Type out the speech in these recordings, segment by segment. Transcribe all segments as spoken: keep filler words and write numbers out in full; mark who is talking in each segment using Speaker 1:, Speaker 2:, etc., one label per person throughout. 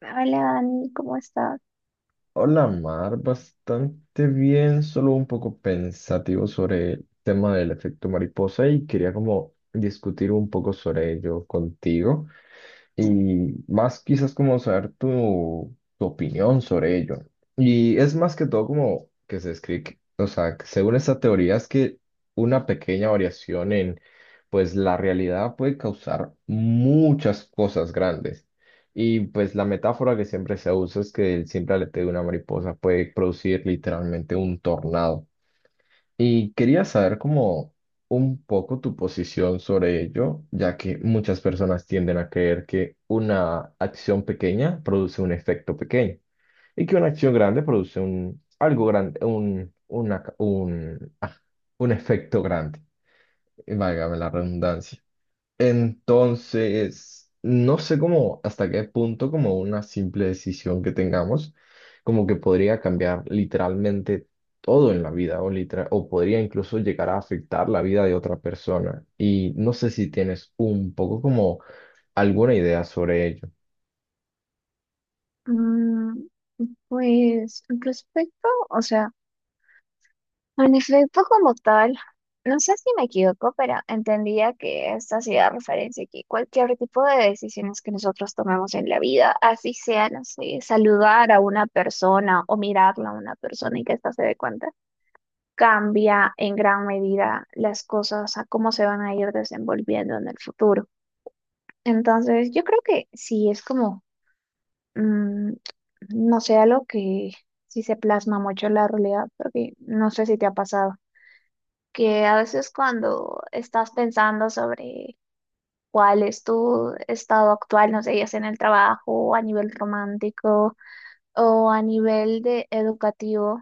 Speaker 1: Hola Dani, ¿cómo estás?
Speaker 2: Hola Mar, bastante bien, solo un poco pensativo sobre el tema del efecto mariposa y quería como discutir un poco sobre ello contigo y más quizás como saber tu, tu opinión sobre ello. Y es más que todo como que se escribe, o sea, que según esta teoría es que una pequeña variación en pues la realidad puede causar muchas cosas grandes. Y pues la metáfora que siempre se usa es que el simple aleteo de una mariposa puede producir literalmente un tornado. Y quería saber como un poco tu posición sobre ello, ya que muchas personas tienden a creer que una acción pequeña produce un efecto pequeño y que una acción grande produce un algo grande, un, una ca- un, ah, un efecto grande, válgame la redundancia. Entonces, no sé cómo, hasta qué punto, como una simple decisión que tengamos, como que podría cambiar literalmente todo en la vida o, litera- o podría incluso llegar a afectar la vida de otra persona. Y no sé si tienes un poco como alguna idea sobre ello.
Speaker 1: Mm, pues respecto, o sea, en efecto como tal, no sé si me equivoco, pero entendía que esta hacía referencia a que cualquier tipo de decisiones que nosotros tomemos en la vida, así sea, no sé, saludar a una persona o mirarla a una persona y que ésta se dé cuenta, cambia en gran medida las cosas a cómo se van a ir desenvolviendo en el futuro. Entonces, yo creo que sí es como mm, no sé, algo que sí se plasma mucho en la realidad, porque no sé si te ha pasado, que a veces cuando estás pensando sobre cuál es tu estado actual, no sé, ya sea en el trabajo, o a nivel romántico o a nivel de educativo,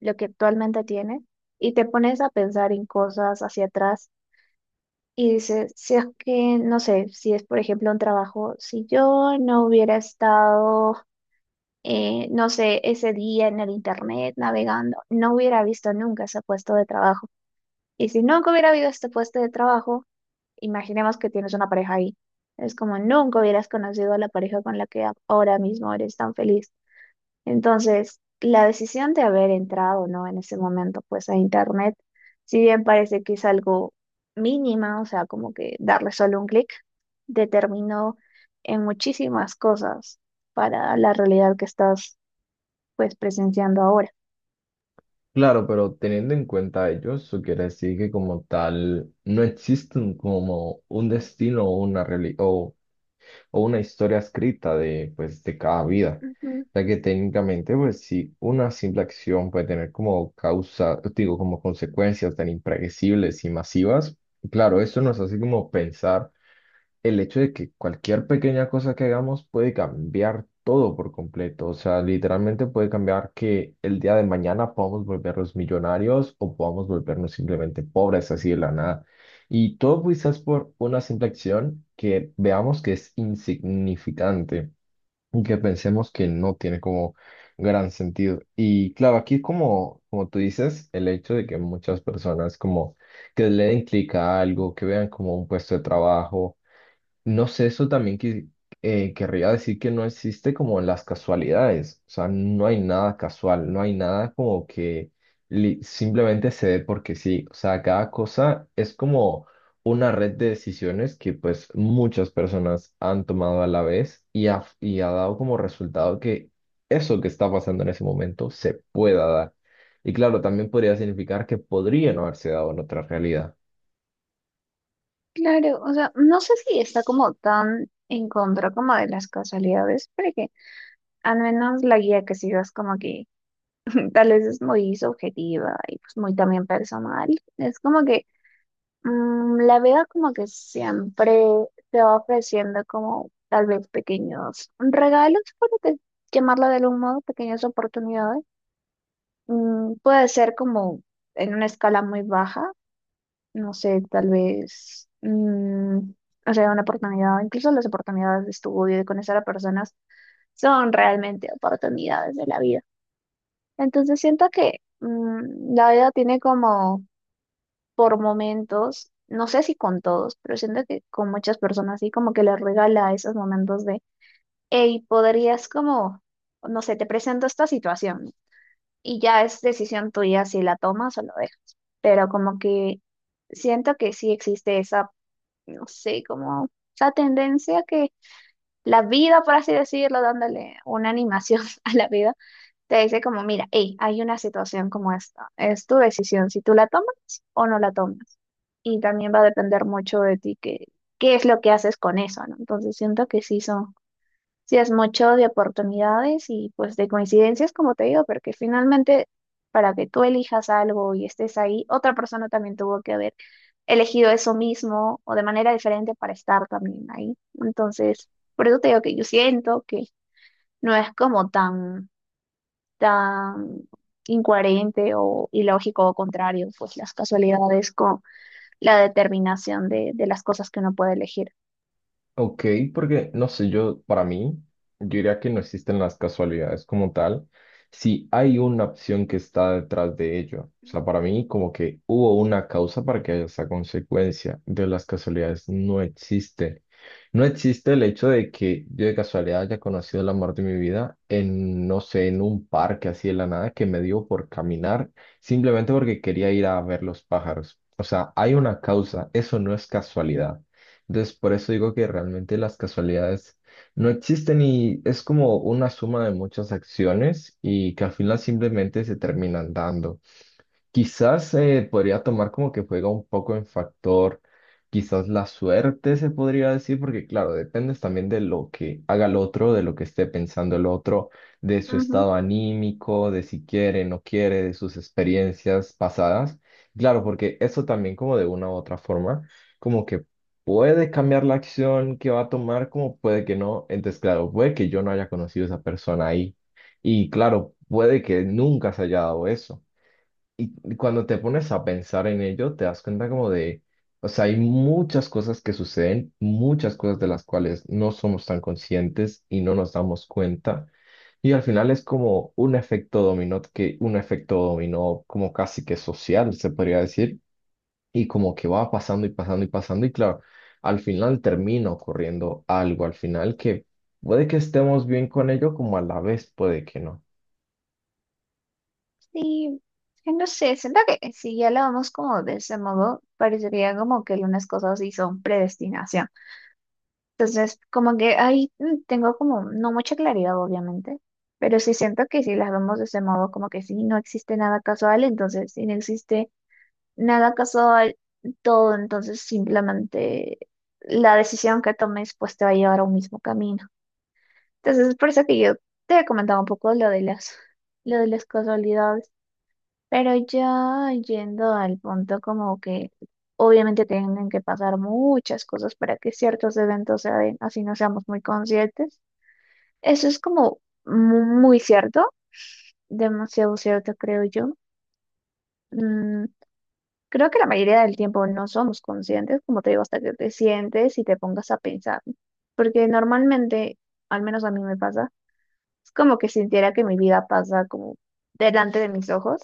Speaker 1: lo que actualmente tienes, y te pones a pensar en cosas hacia atrás. Y dices, si es que, no sé, si es por ejemplo un trabajo, si yo no hubiera estado eh, no sé, ese día en el internet navegando, no hubiera visto nunca ese puesto de trabajo. Y si nunca hubiera habido este puesto de trabajo, imaginemos que tienes una pareja ahí. Es como nunca hubieras conocido a la pareja con la que a- ahora mismo eres tan feliz. Entonces, la decisión de haber entrado, ¿no? En ese momento, pues a internet, si bien parece que es algo mínima, o sea, como que darle solo un clic, determinó en muchísimas cosas para la realidad que estás pues presenciando ahora.
Speaker 2: Claro, pero teniendo en cuenta ello, eso quiere decir que como tal no existe un- como un destino o una realidad o una historia escrita de, pues, de cada vida,
Speaker 1: Ujú.
Speaker 2: ya que técnicamente, pues, si una simple acción puede tener como causa, digo, como consecuencias tan impredecibles y masivas, claro, esto nos hace como pensar el hecho de que cualquier pequeña cosa que hagamos puede cambiar todo por completo. O sea, literalmente puede cambiar que el día de mañana podamos volvernos millonarios o podamos volvernos simplemente pobres así de la nada. Y todo quizás por una simple acción que veamos que es insignificante y que pensemos que no tiene como gran sentido. Y claro, aquí como, como tú dices, el hecho de que muchas personas como que le den clic a algo, que vean como un puesto de trabajo, no sé, eso también que, eh, querría decir que no existe como las casualidades, o sea, no hay nada casual, no hay nada como que li- simplemente se dé porque sí, o sea, cada cosa es como una red de decisiones que pues muchas personas han tomado a la vez y ha, y ha dado como resultado que eso que está pasando en ese momento se pueda dar. Y claro, también podría significar que podría no haberse dado en otra realidad.
Speaker 1: Claro, o sea, no sé si está como tan en contra como de las casualidades, pero que al menos la guía que sigas como que tal vez es muy subjetiva y pues muy también personal. Es como que mm, la vida como que siempre te va ofreciendo como tal vez pequeños regalos, por te- llamarlo de algún modo, pequeñas oportunidades. Mm, puede ser como en una escala muy baja no sé, tal vez, mm, o sea, una oportunidad, incluso las oportunidades de estudio, de conocer a personas, son realmente oportunidades de la vida. Entonces siento que mm, la vida tiene como por momentos, no sé si con todos, pero siento que con muchas personas sí, como que les regala esos momentos de, hey, podrías como, no sé, te presento esta situación y ya es decisión tuya si la tomas o lo dejas. Pero como que siento que sí existe esa no sé, como esa tendencia que la vida, por así decirlo, dándole una animación a la vida, te dice como, mira, hey, hay una situación como esta, es tu decisión si tú la tomas o no la tomas. Y también va a depender mucho de ti que, qué es lo que haces con eso, ¿no? Entonces siento que sí son, sí es mucho de oportunidades y pues de coincidencias, como te digo, porque finalmente para que tú elijas algo y estés ahí, otra persona también tuvo que haber elegido eso mismo o de manera diferente para estar también ahí. Entonces, por eso te digo que yo siento que no es como tan, tan incoherente o ilógico o contrario, pues las casualidades con la determinación de, de las cosas que uno puede elegir.
Speaker 2: Ok, porque no sé, yo para mí, yo diría que no existen las casualidades como tal, si hay una opción que está detrás de ello. O sea, para mí como que hubo una causa para que haya esa consecuencia. De las casualidades no existe. No existe el hecho de que yo de casualidad haya conocido el amor de mi vida en, no sé, en un parque así de la nada que me dio por caminar simplemente porque quería ir a ver los pájaros. O sea, hay una causa, eso no es casualidad. Entonces, por eso digo que realmente las casualidades no existen y es como una suma de muchas acciones y que al final simplemente se terminan dando. Quizás eh, podría tomar como que juega un poco en factor, quizás la suerte se podría decir, porque claro, dependes también de lo que haga el otro, de lo que esté pensando el otro, de su
Speaker 1: Ujú.
Speaker 2: estado anímico, de si quiere, no quiere, de sus experiencias pasadas. Claro, porque eso también como de una u otra forma, como que puede cambiar la acción que va a tomar, como puede que no. Entonces, claro, puede que yo no haya conocido a esa persona ahí. Y claro, puede que nunca se haya dado eso. Y cuando te pones a pensar en ello, te das cuenta como de, o sea, hay muchas cosas que suceden, muchas cosas de las cuales no somos tan conscientes y no nos damos cuenta. Y al final es como un efecto dominó, que un efecto dominó como casi que social, se podría decir, y como que va pasando y pasando y pasando. Y claro, al final termina ocurriendo algo, al final que puede que estemos bien con ello, como a la vez puede que no.
Speaker 1: Sí, eh, no sé, siento que si ya lo vamos como de ese modo, parecería como que algunas cosas sí son predestinación. Entonces, como que ahí mm, tengo como no mucha claridad, obviamente, pero sí siento que si las vemos de ese modo, como que sí, no existe nada casual, entonces si no existe nada casual, todo, entonces simplemente la decisión que tomes pues te va a llevar a un mismo camino. Entonces, es por eso que yo te he comentado un poco lo de las, lo de las casualidades. Pero ya yendo al punto como que obviamente tienen que pasar muchas cosas para que ciertos eventos se den, así no seamos muy conscientes. Eso es como mu- muy cierto, demasiado cierto creo yo. Mm, creo que la mayoría del tiempo no somos conscientes, como te digo, hasta que te sientes y te pongas a pensar. Porque normalmente, al menos a mí me pasa, es como que sintiera que mi vida pasa como delante de mis ojos,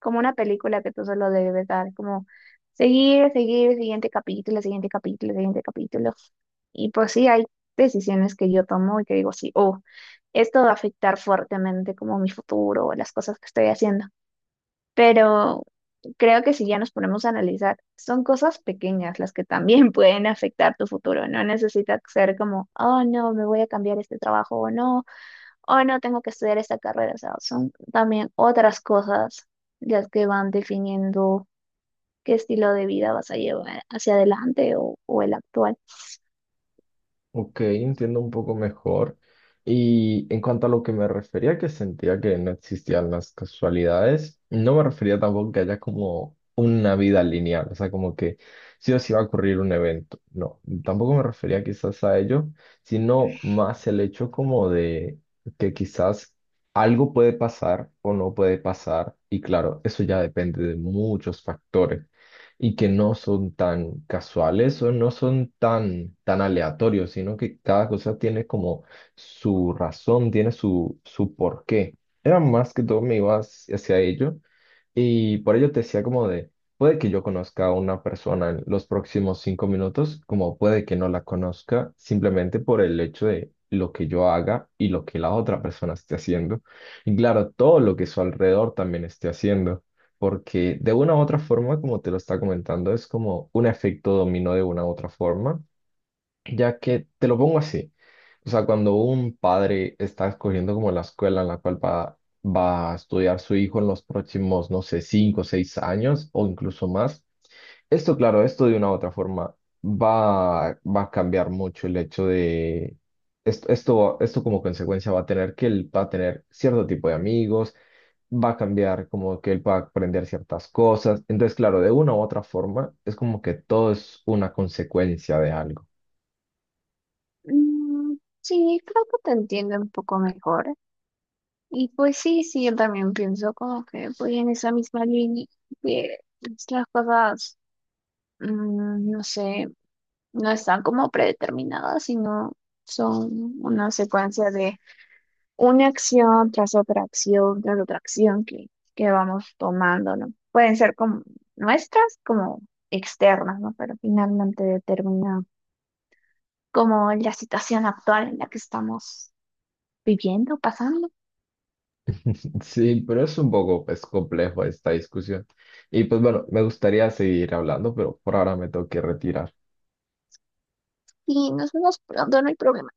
Speaker 1: como una película que tú solo debes dar, como seguir, seguir, siguiente capítulo, siguiente capítulo, siguiente capítulo. Y pues sí, hay decisiones que yo tomo y que digo, sí, oh, esto va a afectar fuertemente como mi futuro o las cosas que estoy haciendo. Pero creo que si ya nos ponemos a analizar, son cosas pequeñas las que también pueden afectar tu futuro. No necesita ser como, oh, no, me voy a cambiar este trabajo o no hoy no tengo que estudiar esta carrera, o sea, son también otras cosas las que van definiendo qué estilo de vida vas a llevar hacia adelante o, o el actual.
Speaker 2: Ok, entiendo un poco mejor. Y en cuanto a lo que me refería, que sentía que no existían las casualidades, no me refería tampoco que haya como una vida lineal, o sea, como que sí o sí va a ocurrir un evento. No, tampoco me refería quizás a ello, sino más el hecho como de que quizás algo puede pasar o no puede pasar, y claro, eso ya depende de muchos factores y que no son tan casuales o no son tan, tan aleatorios, sino que cada cosa tiene como su razón, tiene su, su porqué. Era más que todo me iba hacia hacia ello y por ello te decía como de, puede que yo conozca a una persona en los próximos cinco minutos, como puede que no la conozca, simplemente por el hecho de lo que yo haga y lo que la otra persona esté haciendo. Y claro, todo lo que su alrededor también esté haciendo porque de una u otra forma, como te lo está comentando, es como un efecto dominó de una u otra forma, ya que te lo pongo así. O sea, cuando un padre está escogiendo como la escuela en la cual va, va a estudiar su hijo en los próximos, no sé, cinco o seis años o incluso más, esto, claro, esto de una u otra forma va, va a cambiar mucho el hecho de esto, esto, esto como consecuencia va a tener que él va a tener cierto tipo de amigos, va a cambiar como que él va a aprender ciertas cosas. Entonces, claro, de una u otra forma es como que todo es una consecuencia de algo.
Speaker 1: Mm, sí, creo que te entiendo un poco mejor. Y pues sí, sí, yo también pienso como que voy en esa misma línea, que pues, las cosas, mm, no sé, no están como predeterminadas, sino son una secuencia de una acción tras otra acción, tras otra acción que, que vamos tomando, ¿no? Pueden ser como nuestras, como externas, ¿no? Pero finalmente determina como la situación actual en la que estamos viviendo, pasando,
Speaker 2: Sí, pero es un poco pues, complejo esta discusión. Y pues bueno, me gustaría seguir hablando, pero por ahora me tengo que retirar.
Speaker 1: y nos vemos pronto, no hay problema.